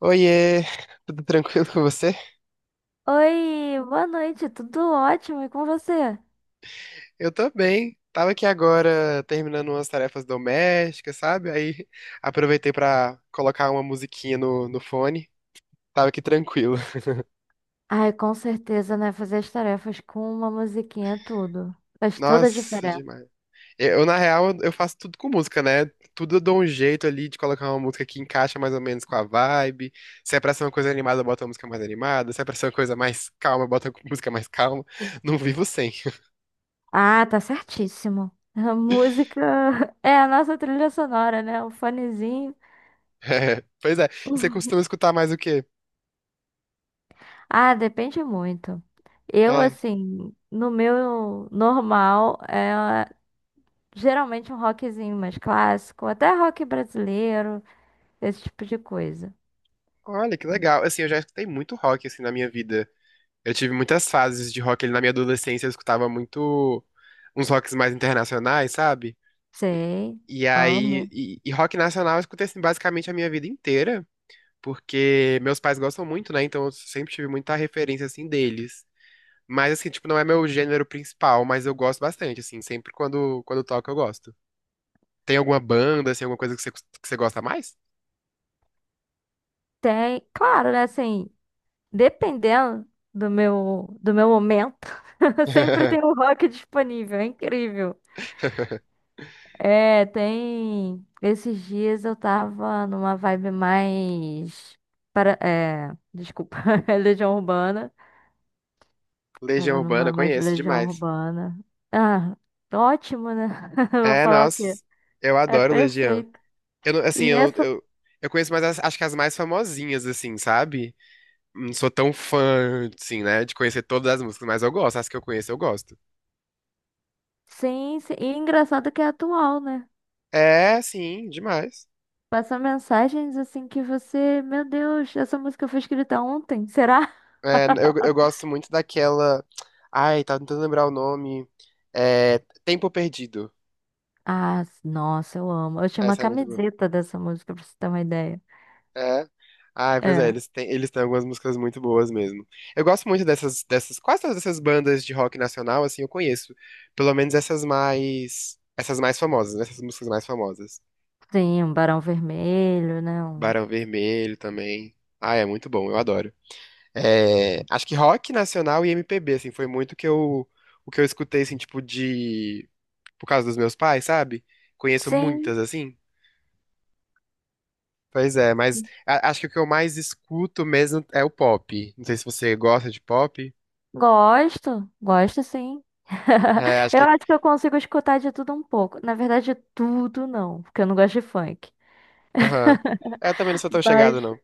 Oiê, tudo tranquilo com você? Oi, boa noite, tudo ótimo e com você? Eu tô bem. Tava aqui agora terminando umas tarefas domésticas, sabe? Aí aproveitei pra colocar uma musiquinha no fone. Tava aqui tranquilo. Ai, com certeza, né? Fazer as tarefas com uma musiquinha é tudo. Faz toda a Nossa, diferença. demais. Na real, eu faço tudo com música, né? Tudo eu dou um jeito ali de colocar uma música que encaixa mais ou menos com a vibe. Se é pra ser uma coisa animada, eu boto uma música mais animada. Se é pra ser uma coisa mais calma, eu boto uma música mais calma. Não vivo sem. Ah, tá certíssimo. A música é a nossa trilha sonora, né? O fonezinho. É, pois é. E você costuma escutar mais o quê? Ah, depende muito. Eu, É. assim, no meu normal, é geralmente um rockzinho mais clássico, até rock brasileiro, esse tipo de coisa. Olha, que legal. Assim, eu já escutei muito rock, assim, na minha vida. Eu tive muitas fases de rock ali na minha adolescência, eu escutava muito uns rocks mais internacionais, sabe? Sei, E aí, amo. e rock nacional eu escutei, assim, basicamente a minha vida inteira, porque meus pais gostam muito, né? Então eu sempre tive muita referência, assim, deles. Mas, assim, tipo, não é meu gênero principal, mas eu gosto bastante, assim, sempre quando toco eu gosto. Tem alguma banda, assim, alguma coisa que você gosta mais? Tem, claro, né? Assim, dependendo do meu momento, sempre tem um rock disponível, é incrível. É, tem. Esses dias eu tava numa vibe mais. Para... É, desculpa, é Legião Urbana. Legião Tava Urbana, numa mais conheço Legião demais. Urbana. Ah, ótimo, né? Eu vou É, falar o nossa, quê? eu É adoro Legião. perfeito. Eu, não- assim, E essa. Eu conheço mais, acho que as mais famosinhas, assim, sabe? Não sou tão fã, assim, né, de conhecer todas as músicas, mas eu gosto, as que eu conheço eu gosto. Sim, sim. E engraçado que é atual, né? É, sim, demais. Passa mensagens assim que você. Meu Deus, essa música foi escrita ontem, será? Eu gosto muito daquela... Ai, tava tentando lembrar o nome. É, Tempo Perdido. Ah, nossa, eu amo. Eu tinha uma Essa é muito boa. camiseta dessa música, pra você ter uma ideia. É. Ah, pois é, É, eles têm algumas músicas muito boas mesmo. Eu gosto muito dessas, quase todas essas bandas de rock nacional, assim, eu conheço. Pelo menos essas mais famosas, né? Essas músicas mais famosas. sim, um Barão Vermelho, né? Um. Barão Vermelho também. Ah, é muito bom, eu adoro. É, acho que rock nacional e MPB, assim, foi muito o que eu escutei, assim, por causa dos meus pais, sabe? Conheço Sim, muitas, assim. Pois é, mas acho que o que eu mais escuto mesmo é o pop. Não sei se você gosta de pop. gosto, gosto sim. É, acho Eu que. acho que eu consigo escutar de tudo um pouco. Na verdade, tudo não, porque eu não gosto de funk. Aham. É, eu também não sou tão Mas chegado, não.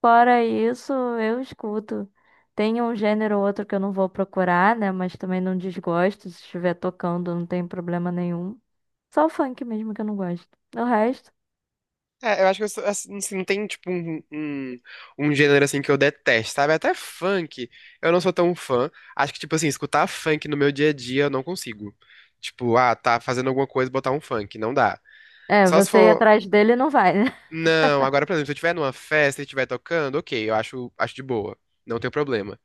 fora isso, eu escuto. Tem um gênero ou outro que eu não vou procurar, né? Mas também não desgosto. Se estiver tocando, não tem problema nenhum. Só o funk mesmo que eu não gosto. O resto. É, eu acho que eu sou, assim, não tem, tipo, um gênero, assim, que eu detesto, sabe? Até funk, eu não sou tão fã. Acho que, tipo, assim, escutar funk no meu dia a dia, eu não consigo. Tipo, ah, tá fazendo alguma coisa, botar um funk, não dá. É, Só se você ir for... atrás dele não vai, né? Não, agora, por exemplo, se eu estiver numa festa e estiver tocando, ok, eu acho de boa. Não tem problema.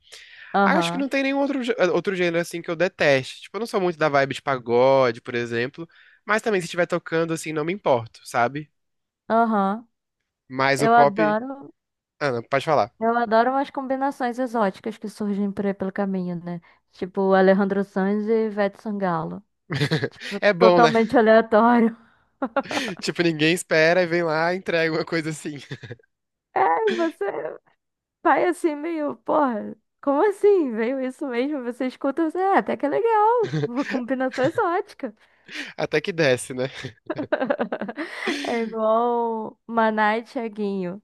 Acho que Aham, não tem nenhum outro, outro gênero assim que eu deteste. Tipo, eu não sou muito da vibe de pagode, por exemplo. Mas também se estiver tocando, assim, não me importo, sabe? aham. Mas o Eu pop. adoro, Ah, não, pode falar. eu adoro umas combinações exóticas que surgem por aí pelo caminho, né? Tipo Alejandro Sanz e Ivete Sangalo. É bom, né? Totalmente aleatório. Tipo, ninguém espera e vem lá e entrega uma coisa assim. É, você vai assim meio, porra, como assim? Veio isso mesmo? Você escuta, você, é, até que é legal. Uma combinação exótica. Até que desce, né? É igual Maná e Thiaguinho.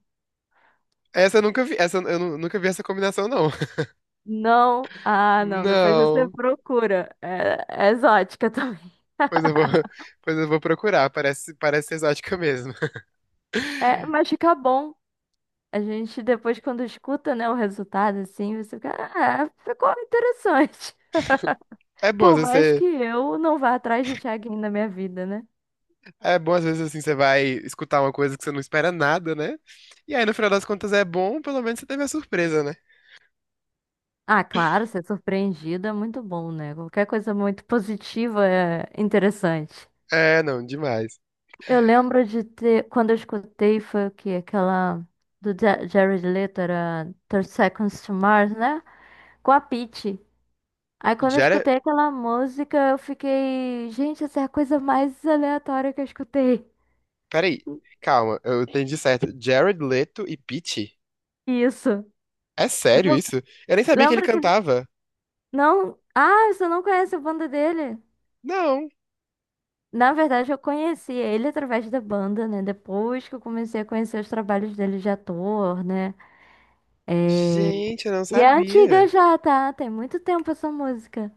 Essa eu nunca vi, essa nunca vi essa combinação, não. Não, ah, não, depois você Não. procura. É, é exótica também. Pois eu vou, pois eu vou procurar. Parece exótica mesmo. É, mas fica bom. A gente depois, quando escuta, né, o resultado, assim, você fica, ah, ficou interessante. É bom às Por mais vezes, que eu não vá atrás de Thiaguinho na minha vida, né? é bom, às vezes, assim, você vai escutar uma coisa que você não espera nada, né? E aí, no final das contas, é bom, pelo menos você teve a surpresa, né? Ah, claro, ser surpreendido é muito bom, né? Qualquer coisa muito positiva é interessante. É, não, demais. Eu lembro de ter, quando eu escutei, foi o quê? Aquela do Jared Leto, era 30 Seconds to Mars, né? Com a Pitty. Aí quando eu Jared... escutei aquela música, eu fiquei, gente, essa é a coisa mais aleatória que eu escutei. Peraí, calma, eu entendi certo. Jared Leto e Pitty? Isso. É sério Lem- isso? Eu nem sabia que ele Lembra que cantava. não, ah, você não conhece a banda dele? Não, Na verdade, eu conheci ele através da banda, né? Depois que eu comecei a conhecer os trabalhos dele de ator, né? gente, eu não E é antiga sabia. já, tá? Tem muito tempo essa música.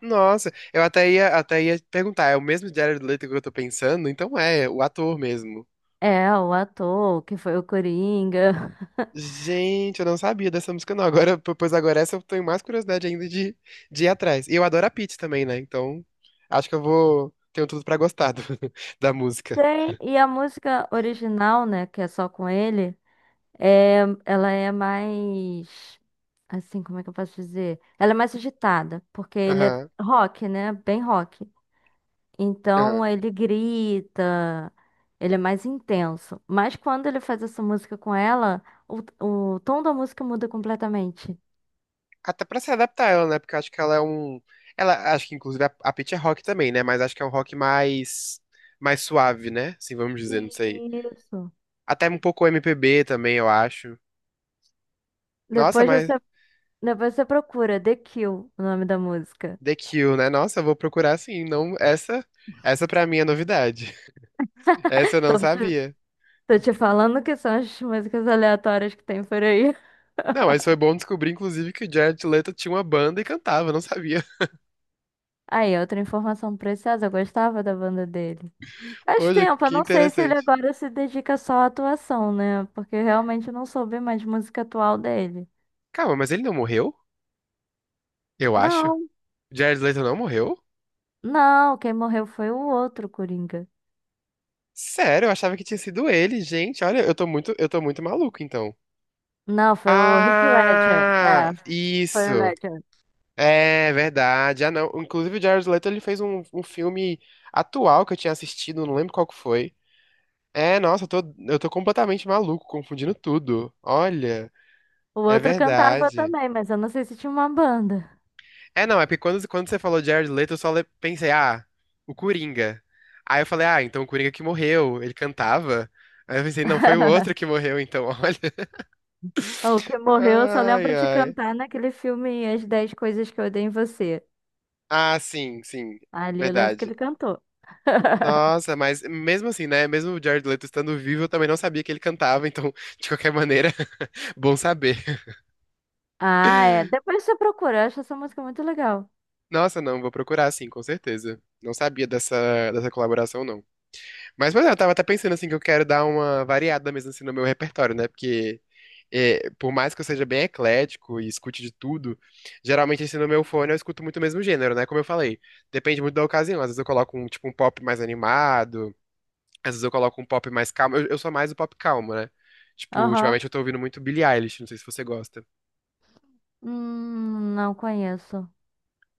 Nossa, eu até ia perguntar, é o mesmo Jared Leto que eu tô pensando? Então é, o ator mesmo. É, o ator, que foi o Coringa. Gente, eu não sabia dessa música, não. Agora, pois agora essa eu tenho mais curiosidade ainda de ir atrás. E eu adoro a Pitty também, né? Então, acho que eu vou. Tenho tudo pra gostar da música. Tem, e a música original, né, que é só com ele. É, ela é mais, assim, como é que eu posso dizer? Ela é mais agitada, porque ele é Aham, rock, né? Bem rock. aham. Então ele grita, ele é mais intenso. Mas quando ele faz essa música com ela, o tom da música muda completamente. Até pra se adaptar ela, né? Porque eu acho que ela é um. Ela, acho que inclusive a Pitty é rock também, né? Mas acho que é um rock mais. Mais suave, né? Assim, vamos dizer, não sei. Isso. Até um pouco MPB também, eu acho. Nossa, Depois mas. você, depois você procura The Kill, o nome da música. The Kill, né? Nossa, eu vou procurar sim. Não, essa. Essa pra mim é novidade. Essa eu não Tô te, sabia. tô te falando que são as músicas aleatórias que tem por aí. Não, mas foi bom descobrir, inclusive, que o Jared Leto tinha uma banda e cantava, não sabia. Aí, outra informação preciosa, eu gostava da banda dele. Faz Hoje, tempo, eu que não sei se ele interessante. agora se dedica só à atuação, né? Porque eu realmente não soube mais música atual dele. Calma, mas ele não morreu? Eu acho. Não, O Jared Leto não morreu? não, quem morreu foi o outro Coringa. Sério, eu achava que tinha sido ele, gente. Olha, eu tô muito maluco, então. Não, foi o Heath Ledger. Ah, É, foi o isso. Ledger. É verdade. Ah, não. Inclusive, o Jared Leto, ele fez um filme atual que eu tinha assistido, não lembro qual que foi. É, nossa, eu tô completamente maluco, confundindo tudo. Olha, O é outro cantava verdade. também, mas eu não sei se tinha uma banda. É, não, é porque quando você falou Jared Leto, eu só pensei, ah, o Coringa. Aí eu falei, ah, então o Coringa que morreu, ele cantava. Aí eu pensei, não, foi o outro que morreu, então, olha. O que morreu, eu só Ai, lembro de ai. cantar naquele filme As Dez Coisas que Eu Odeio em Você. Ah, sim, sim, Ali eu lembro que verdade. ele cantou. Nossa, mas mesmo assim, né? Mesmo o Jared Leto estando vivo, eu também não sabia que ele cantava, então, de qualquer maneira, bom saber. Ah, é. Depois você procura, eu acho essa música muito legal. Nossa, não, vou procurar sim, com certeza. Não sabia dessa colaboração, não. Mas, pois é, eu tava até pensando assim que eu quero dar uma variada mesmo assim no meu repertório, né? Porque é, por mais que eu seja bem eclético e escute de tudo, geralmente assim no meu fone eu escuto muito o mesmo gênero, né? Como eu falei, depende muito da ocasião. Às vezes eu coloco um tipo um pop mais animado, às vezes eu coloco um pop mais calmo. Eu sou mais o pop calmo, né? Tipo, Aham. ultimamente eu tô ouvindo muito Billie Eilish, não sei se você gosta. Não conheço.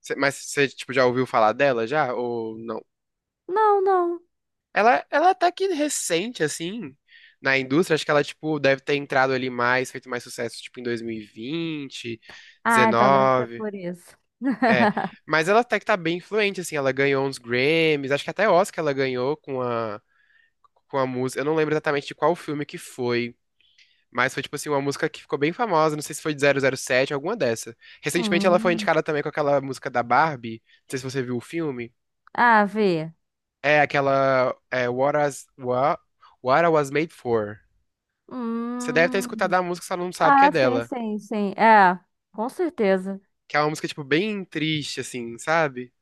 Mas você tipo já ouviu falar dela já ou não? Não, não. Ela até que recente, assim, na indústria, acho que ela, tipo, deve ter entrado ali mais, feito mais sucesso, tipo, em 2020, Ah, então deve ser 19, por isso. é. Mas ela até que tá bem influente, assim, ela ganhou uns Grammys, acho que até Oscar ela ganhou com a música, eu não lembro exatamente de qual filme que foi, mas foi, tipo assim, uma música que ficou bem famosa, não sei se foi de 007, alguma dessa. Recentemente ela foi Hum. indicada também com aquela música da Barbie, não sei se você viu o filme, Ah, vi. é aquela, é, What I Was Made For. Você deve ter escutado Hum. a música, só não sabe que é Ah, sim, dela. sim, sim. É, com certeza. Que é uma música, tipo, bem triste, assim, sabe?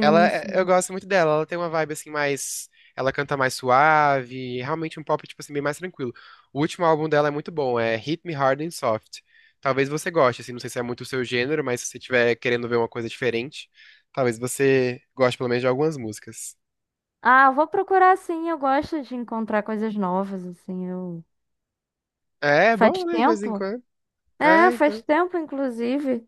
Ela, eu sim. gosto muito dela. Ela tem uma vibe, assim, mais... Ela canta mais suave. Realmente um pop, tipo assim, bem mais tranquilo. O último álbum dela é muito bom. É Hit Me Hard and Soft. Talvez você goste, assim. Não sei se é muito o seu gênero, mas se você estiver querendo ver uma coisa diferente, talvez você goste, pelo menos, de algumas músicas. Ah, eu vou procurar sim. Eu gosto de encontrar coisas novas, assim. Eu... É, é Faz bom, né? De vez em tempo? quando. É, É, faz então... tempo, inclusive.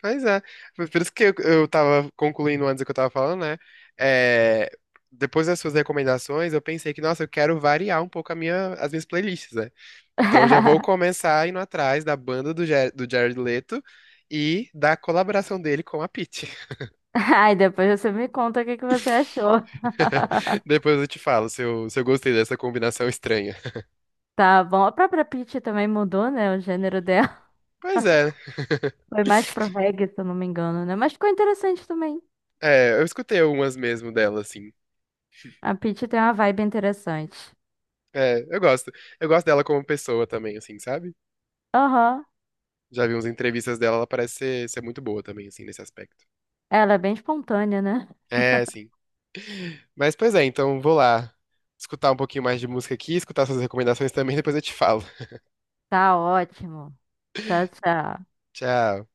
Pois é. Foi por isso que eu tava concluindo antes o que eu tava falando, né? É, depois das suas recomendações, eu pensei que, nossa, eu quero variar um pouco as minhas playlists, né? Então já vou começar indo atrás da banda do Jared Leto e da colaboração dele com a Pitty. Ai, depois você me conta o que que você achou. Depois eu te falo se eu gostei dessa combinação estranha. Tá bom. A própria Peach também mudou, né? O gênero dela. Pois é, Foi mais pro reggae, se eu não me engano, né? Mas ficou interessante também. é, eu escutei algumas mesmo dela, assim. A Pitty tem uma vibe interessante. É, eu gosto. Eu gosto dela como pessoa também, assim, sabe? Aham. Já vi umas entrevistas dela, ela parece ser muito boa também, assim, nesse aspecto. Ela é bem espontânea, né? É, sim. Mas, pois é, então vou lá escutar um pouquinho mais de música aqui, escutar suas recomendações também, depois eu te falo. Tá ótimo. Tchau, tchau. Tchau.